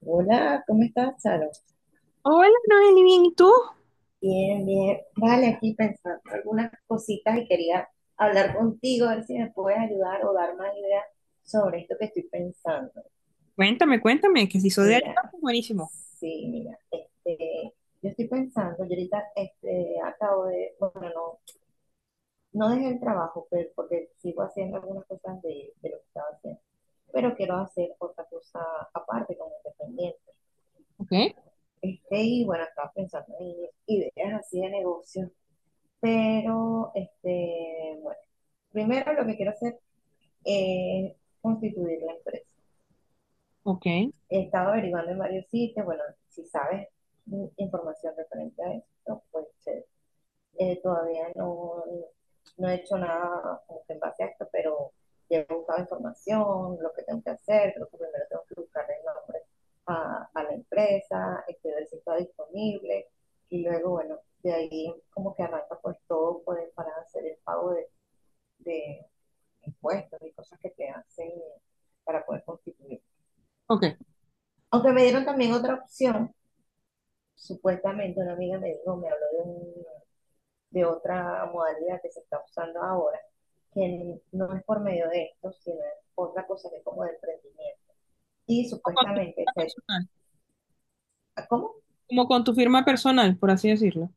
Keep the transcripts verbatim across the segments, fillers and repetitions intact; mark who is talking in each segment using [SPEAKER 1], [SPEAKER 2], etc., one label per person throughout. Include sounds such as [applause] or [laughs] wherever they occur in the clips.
[SPEAKER 1] Hola, ¿cómo estás, Charo?
[SPEAKER 2] Hola, Noeli, bien, ¿y tú?
[SPEAKER 1] Bien, bien. Vale, aquí pensando algunas cositas y quería hablar contigo, a ver si me puedes ayudar o dar más ideas sobre esto que estoy pensando.
[SPEAKER 2] Cuéntame, cuéntame, que si soy de
[SPEAKER 1] Mira,
[SPEAKER 2] Alicante, buenísimo.
[SPEAKER 1] sí, mira, este, yo estoy pensando, yo ahorita este, acabo de, bueno, no, no dejé el trabajo, pero porque sigo haciendo algunas cosas de, de lo que estaba haciendo, pero quiero hacer otra cosa aparte como independiente.
[SPEAKER 2] Ok,
[SPEAKER 1] Este, y bueno, estaba pensando en ideas así de negocios. Pero, este, bueno, primero lo que quiero hacer es constituir la empresa.
[SPEAKER 2] ok,
[SPEAKER 1] He estado averiguando en varios sitios. Bueno, si sabes información referente a esto, pues eh, todavía no, no he hecho nada como que en base a esto, pero ya he buscado información, lo que tengo que hacer. Creo que primero tengo que buscar el nombre a, a la empresa, este, ver si está disponible, y luego, bueno, de ahí como que arranca pues todo pues, para hacer el pago de de impuestos y cosas que te hacen para poder constituir.
[SPEAKER 2] ok.
[SPEAKER 1] Aunque me dieron también otra opción, supuestamente una amiga me dijo, me habló de, un- de otra modalidad que se está usando ahora, que no es por medio de esto, sino es otra cosa que es como de emprendimiento. Y
[SPEAKER 2] Como con tu
[SPEAKER 1] supuestamente,
[SPEAKER 2] firma personal,
[SPEAKER 1] ¿cómo?
[SPEAKER 2] como con tu firma personal, por así decirlo.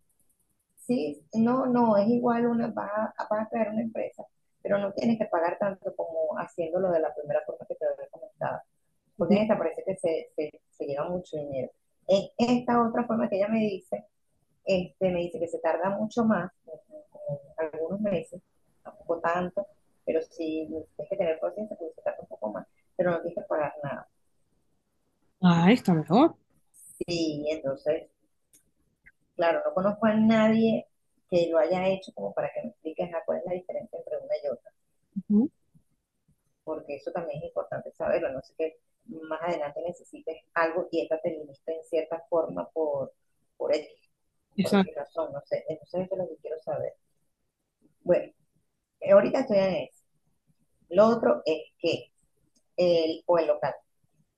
[SPEAKER 1] Sí, no, no, es igual, una, vas a, vas a crear una empresa, pero no tienes que pagar tanto como haciéndolo de la primera forma que te había comentado, porque
[SPEAKER 2] Ok.
[SPEAKER 1] en esta parece que se, se, se lleva mucho dinero. En esta otra forma que ella me dice, este, me dice que se tarda mucho más, algunos meses, tampoco tanto, pero sí tienes que tener paciencia porque se tarda un poco más, pero no tienes que pagar nada.
[SPEAKER 2] Ah, está mejor.
[SPEAKER 1] Sí, entonces, claro, no conozco a nadie que lo haya hecho como para que me expliques a cuál es la diferencia entre una y otra,
[SPEAKER 2] Ujú.
[SPEAKER 1] porque eso también es importante saberlo. No sé que más adelante necesites algo y esta te limita en cierta forma por, por X. ¿Por qué
[SPEAKER 2] Exacto.
[SPEAKER 1] razón? No sé. Entonces eso es lo que quiero saber. Bueno, eh, ahorita estoy en eso. Lo otro es que el, o el local.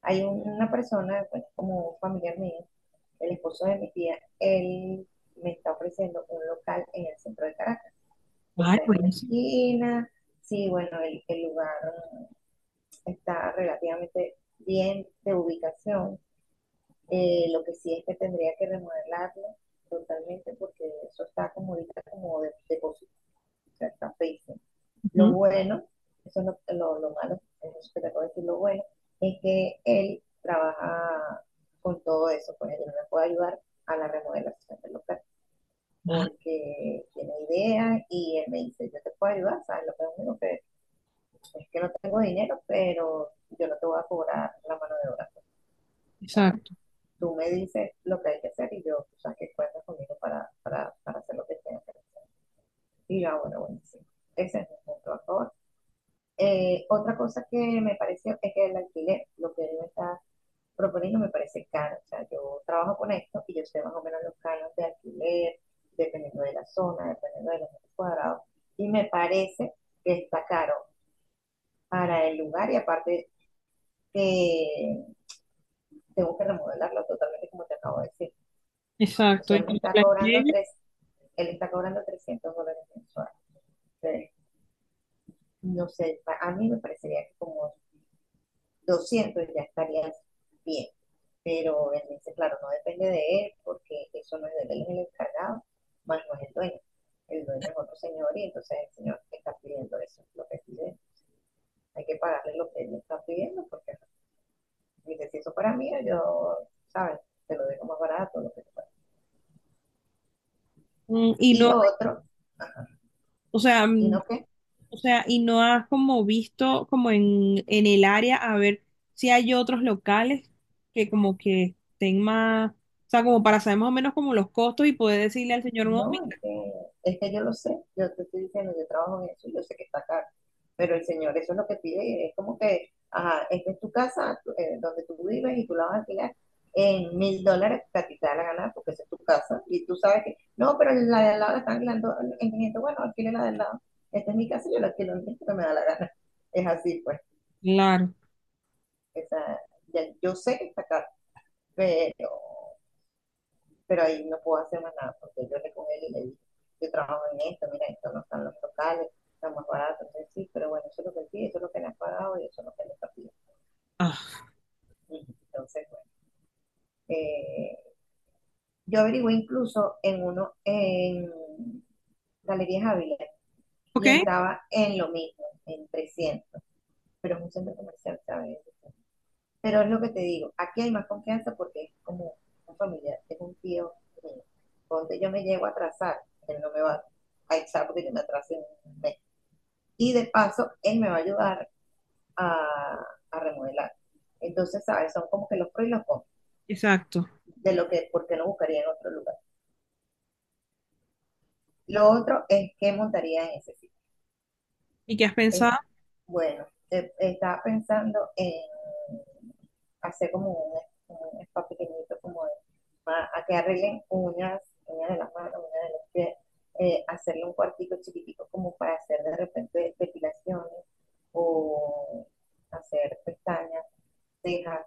[SPEAKER 1] Hay una persona, bueno, como un familiar mío, el esposo de mi tía, él me está ofreciendo un local en el centro de Caracas, que
[SPEAKER 2] Ah,
[SPEAKER 1] está en una
[SPEAKER 2] buenísimo.
[SPEAKER 1] esquina. Sí, bueno, el, el lugar está relativamente bien de ubicación. Eh, lo que sí es que tendría que remodelarlo totalmente porque eso está como ahorita como de, depósito, o sea está feísimo. Lo
[SPEAKER 2] Ujú.
[SPEAKER 1] bueno, eso es lo, lo, lo malo, eso que te acabo de decir. Lo bueno es que él trabaja con todo eso, pues él me puede ayudar a la remodelación del local,
[SPEAKER 2] Ah,
[SPEAKER 1] porque tiene ideas y él me dice, yo te puedo ayudar, ¿sabes? Lo que es único que es que no tengo dinero, pero yo no te voy a cobrar la mano de obra. O sea,
[SPEAKER 2] exacto,
[SPEAKER 1] tú me dices lo que hay que hacer y yo, tú sabes que cuentas conmigo para, para, para hacer lo que tengo que hacer. Y yo, ah, bueno, buenísimo. Ese es mi punto a favor. Eh, otra cosa que me pareció es que el alquiler, lo que él me está proponiendo, me parece caro. O sea, yo trabajo con esto y yo sé más o menos los canos de alquiler, dependiendo de la zona, dependiendo de los metros cuadrados. Y me parece que está caro para el lugar y aparte que tengo que remodelarlo totalmente como te acabo de decir. O
[SPEAKER 2] exacto.
[SPEAKER 1] sea,
[SPEAKER 2] Y,
[SPEAKER 1] él me está cobrando tres, él está cobrando trescientos dólares mensuales. Entonces, no sé, a mí me parecería que como doscientos ya estarías bien. Pero él dice, claro, no depende de él, porque eso no es de él, es el encargado, más no es el dueño. El dueño es otro señor y entonces el señor está pidiendo eso, lo que pide. Hay que pagarle lo que él está pidiendo, porque dice, si eso para mí, yo, ¿sabes? Te lo dejo más barato, lo que sea.
[SPEAKER 2] mm, y
[SPEAKER 1] Y
[SPEAKER 2] no,
[SPEAKER 1] lo otro,
[SPEAKER 2] o sea,
[SPEAKER 1] y no qué.
[SPEAKER 2] o sea, y no has como visto como en, en el área a ver si hay otros locales que como que estén más, o sea, como para saber más o menos como los costos y poder decirle al señor, no,
[SPEAKER 1] No,
[SPEAKER 2] mira,
[SPEAKER 1] es que, es que yo lo sé, yo te estoy diciendo, yo trabajo en eso y yo sé que está caro, pero el señor eso es lo que pide y es como que, ajá, esta es tu casa tú- eh, donde tú vives y tú la vas a alquilar en mil dólares que a ti te da la gana porque esa es tu casa y tú sabes que, no, pero la de al lado la están alquilando en quinientos. Bueno, alquile la de al lado, esta es mi casa y yo la alquilo en quinientos que me da la gana, es así pues.
[SPEAKER 2] claro.
[SPEAKER 1] esa, ya- yo sé que está caro, pero pero ahí no puedo hacer más nada porque yo le con él y le dije, yo trabajo en esto, mira, esto no están los locales, están más baratos, entonces sí, pero bueno, eso es lo que él pide, eso es lo que le has pagado y eso es lo que le está pidiendo.
[SPEAKER 2] Ah,
[SPEAKER 1] Entonces, bueno, eh, yo averigué incluso en uno, en Galerías Ávila,
[SPEAKER 2] ok,
[SPEAKER 1] y estaba en lo mismo, en trescientos, pero es un centro comercial, ¿sabes? Pero es lo que te digo, aquí hay más confianza porque es como un familiar, es un tío mío. Donde yo me llego a atrasar, él no me va a echar porque yo me atrasé un mes. Y de paso, él me va a ayudar a, a remodelar. Entonces, ¿sabes? Son como que los pros y los contras
[SPEAKER 2] exacto.
[SPEAKER 1] de lo que, porque no buscaría en otro lugar. Lo otro es que montaría en ese sitio.
[SPEAKER 2] ¿Y qué has
[SPEAKER 1] Es
[SPEAKER 2] pensado?
[SPEAKER 1] bueno, te- estaba pensando en hacer como un, un spa pequeñito, como de- para- a que arreglen uñas, uñas de las manos, uñas de los pies, eh, hacerle un cuartico chiquitico como para hacer de repente depilaciones o hacer pestañas, cejas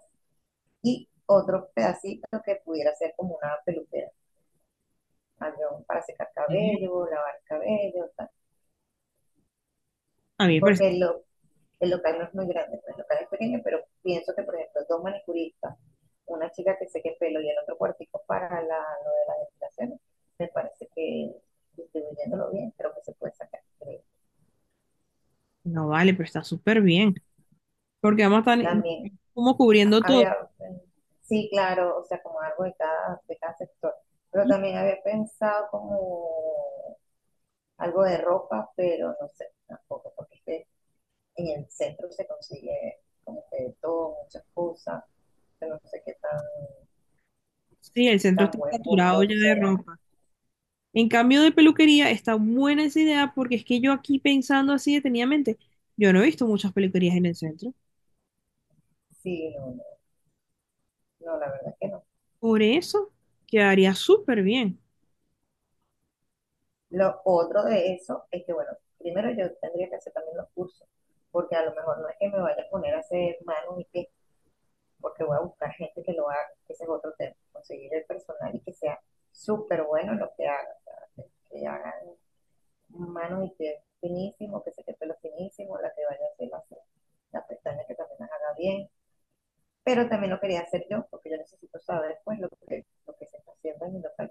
[SPEAKER 1] y otro pedacito que pudiera ser como una peluquera, algo para secar
[SPEAKER 2] Sí.
[SPEAKER 1] cabello, lavar cabello, tal.
[SPEAKER 2] A mí me parece,
[SPEAKER 1] Porque lo el local no es muy grande, pues, el local es pequeño, pero pienso que, por ejemplo, dos manicuristas, una chica que seque el pelo y el otro cuartico para la, lo de las depilaciones, me parece que distribuyéndolo bien, creo que se puede sacar.
[SPEAKER 2] no vale, pero está súper bien, porque vamos a estar
[SPEAKER 1] También
[SPEAKER 2] como cubriendo todo.
[SPEAKER 1] había, sí, claro, o sea, como algo de cada, de cada sector, pero también había pensado como algo de ropa, pero no sé, tampoco, porque es en el centro se consigue como que de todo, muchas cosas, yo no sé qué tan
[SPEAKER 2] Sí, el centro
[SPEAKER 1] tan
[SPEAKER 2] está
[SPEAKER 1] buen
[SPEAKER 2] saturado
[SPEAKER 1] punto
[SPEAKER 2] ya de
[SPEAKER 1] sea.
[SPEAKER 2] ropa. En cambio de peluquería, está buena esa idea porque es que yo aquí pensando así detenidamente, yo no he visto muchas peluquerías en el centro.
[SPEAKER 1] Sí, no, no, no, la verdad que no.
[SPEAKER 2] Por eso quedaría súper bien.
[SPEAKER 1] Lo otro de eso es que, bueno, primero yo tendría que hacer también los cursos, porque a lo mejor no es que me vaya a poner a hacer manos y pies, porque voy a buscar gente que lo haga, que ese es otro tema, conseguir el personal y que sea súper bueno en lo que haga, o sea, que, que hagan manos y pies finísimo, que se te pelo finísimo, la que vaya a hacer las, las pestañas que también las haga bien, pero también lo quería hacer yo, porque yo necesito saber pues lo que, lo que se está haciendo en mi local.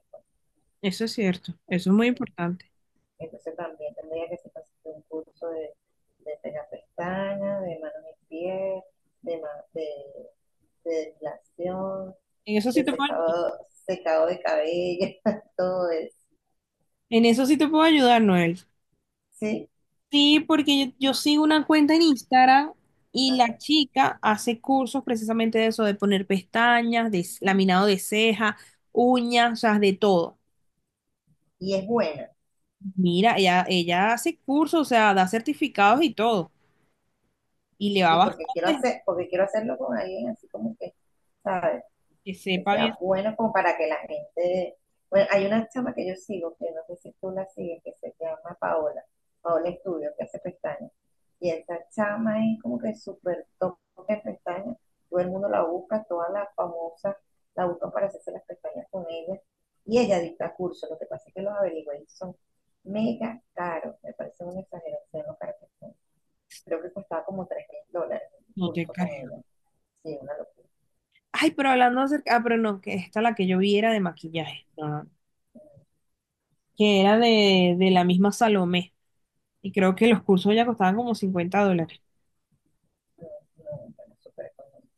[SPEAKER 2] Eso es cierto, eso es muy importante.
[SPEAKER 1] Entonces también tendría que hacer un curso de, de pega pestañas, de manos y pies, de, de, de depilación,
[SPEAKER 2] En eso sí
[SPEAKER 1] de
[SPEAKER 2] te puedo ayudar.
[SPEAKER 1] secado, secado de cabello, [laughs] todo eso.
[SPEAKER 2] En eso sí te puedo ayudar, Noel.
[SPEAKER 1] Sí,
[SPEAKER 2] Sí, porque yo, yo sigo una cuenta en Instagram y la
[SPEAKER 1] ajá.
[SPEAKER 2] chica hace cursos precisamente de eso, de poner pestañas, de s- laminado de ceja, uñas, o sea, de todo.
[SPEAKER 1] Y es buena,
[SPEAKER 2] Mira, ella, ella hace cursos, o sea, da certificados y todo y le
[SPEAKER 1] sí,
[SPEAKER 2] va.
[SPEAKER 1] porque quiero hacer, porque quiero hacerlo con alguien así como que, ¿sabes?
[SPEAKER 2] Que
[SPEAKER 1] Que
[SPEAKER 2] sepan
[SPEAKER 1] sea
[SPEAKER 2] eso,
[SPEAKER 1] bueno como para que la gente... Bueno, hay una chama que yo sigo, que no sé si tú la sigues, que se llama Paola, Paola Estudio, que hace pestañas. Y esa chama es como que súper top de pestañas. Todo el mundo la busca, todas las famosas la buscan para hacerse las pestañas con ella. Y ella dicta cursos, lo que pasa es que los averigué y son mega caros. Me parece un exageración lo caros que son. Creo que costaba como tres mil dólares el
[SPEAKER 2] no te
[SPEAKER 1] curso con ella.
[SPEAKER 2] creo.
[SPEAKER 1] Sí, una locura.
[SPEAKER 2] Ay, pero hablando acerca, ah, pero no, que esta la que yo vi era de maquillaje, no, no, que era de, de la misma Salomé. Y creo que los cursos ya costaban como cincuenta dólares.
[SPEAKER 1] No, no, no, no, súper económico.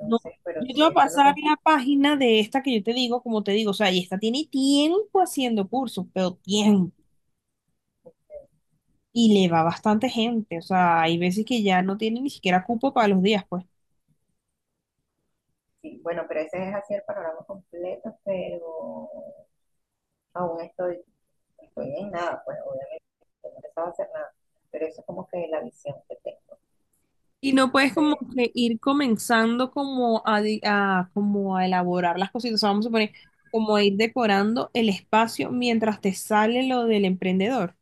[SPEAKER 2] No,
[SPEAKER 1] pero
[SPEAKER 2] yo te voy
[SPEAKER 1] sí,
[SPEAKER 2] a
[SPEAKER 1] eso es lo
[SPEAKER 2] pasar
[SPEAKER 1] que,
[SPEAKER 2] la página de esta que yo te digo, como te digo, o sea, y esta tiene tiempo haciendo cursos, pero tiempo. Y le va bastante gente, o sea, hay veces que ya no tiene ni siquiera cupo para los días, pues.
[SPEAKER 1] sí, bueno, pero ese es así el panorama completo, pero aún estoy, estoy en nada, pues obviamente no he empezado a hacer nada, pero eso es como que la visión que tengo.
[SPEAKER 2] Y no puedes como
[SPEAKER 1] Entonces,
[SPEAKER 2] que ir comenzando como a, di- a- como a elaborar las cositas, o sea, vamos a poner como a ir decorando el espacio mientras te sale lo del emprendedor.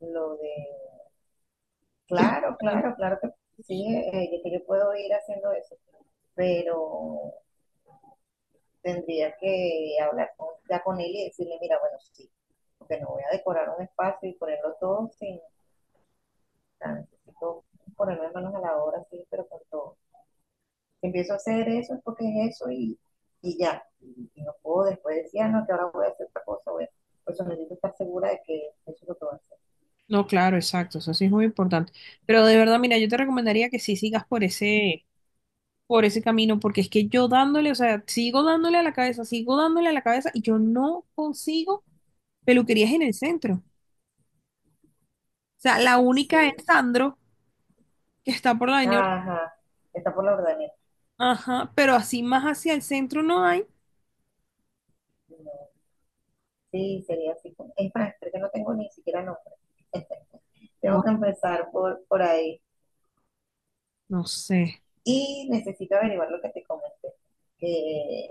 [SPEAKER 1] lo de,
[SPEAKER 2] Como...
[SPEAKER 1] claro, claro, claro que sí, eh, yo- que yo puedo ir haciendo eso, pero tendría que hablar con, ya con él y decirle, mira, bueno, sí, porque no voy a decorar un espacio y ponerlo todo sin, o sea, necesito ponerme manos a la obra, sí, pero con todo. Si empiezo a hacer eso es porque es eso y, y ya. Y, y, no puedo después decir, ah, no, que ahora voy a hacer otra cosa. Voy a... Por eso necesito estar segura de que eso es lo que voy a hacer.
[SPEAKER 2] No, claro, exacto, eso sí es muy importante. Pero de verdad, mira, yo te recomendaría que sí sigas por ese, por ese camino, porque es que yo dándole, o sea, sigo dándole a la cabeza, sigo dándole a la cabeza y yo no consigo peluquerías en el centro. O sea, la única es
[SPEAKER 1] Sí.
[SPEAKER 2] Sandro, que está por la avenida. Ur-
[SPEAKER 1] Ajá. Está por la ordeneta.
[SPEAKER 2] Ajá, pero así más hacia el centro no hay.
[SPEAKER 1] No. Sí, sería así. Es más, creo que no tengo ni siquiera nombre. [laughs] Tengo
[SPEAKER 2] Buah,
[SPEAKER 1] que empezar por, por ahí.
[SPEAKER 2] no sé.
[SPEAKER 1] Y necesito averiguar lo que te comenté. Que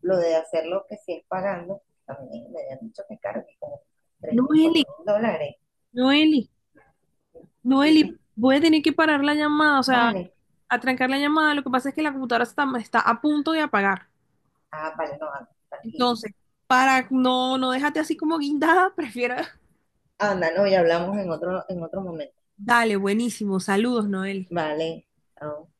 [SPEAKER 1] lo de hacer lo que sí es pagando, también me habían dicho que es caro, que como tres mil, cuatro
[SPEAKER 2] Noeli,
[SPEAKER 1] mil dólares.
[SPEAKER 2] Noeli,
[SPEAKER 1] Sí.
[SPEAKER 2] Noeli, voy a tener que parar la llamada, o sea,
[SPEAKER 1] Vale,
[SPEAKER 2] atrancar la llamada. Lo que pasa es que la computadora está, está a punto de apagar.
[SPEAKER 1] ah, vale, no, anda, tranquilo.
[SPEAKER 2] Entonces, para no, no dejarte así como guindada, [laughs] prefiero.
[SPEAKER 1] Anda, no, ya hablamos en otro, en otro momento.
[SPEAKER 2] Dale, buenísimo. Saludos, Noeli.
[SPEAKER 1] Vale, chao.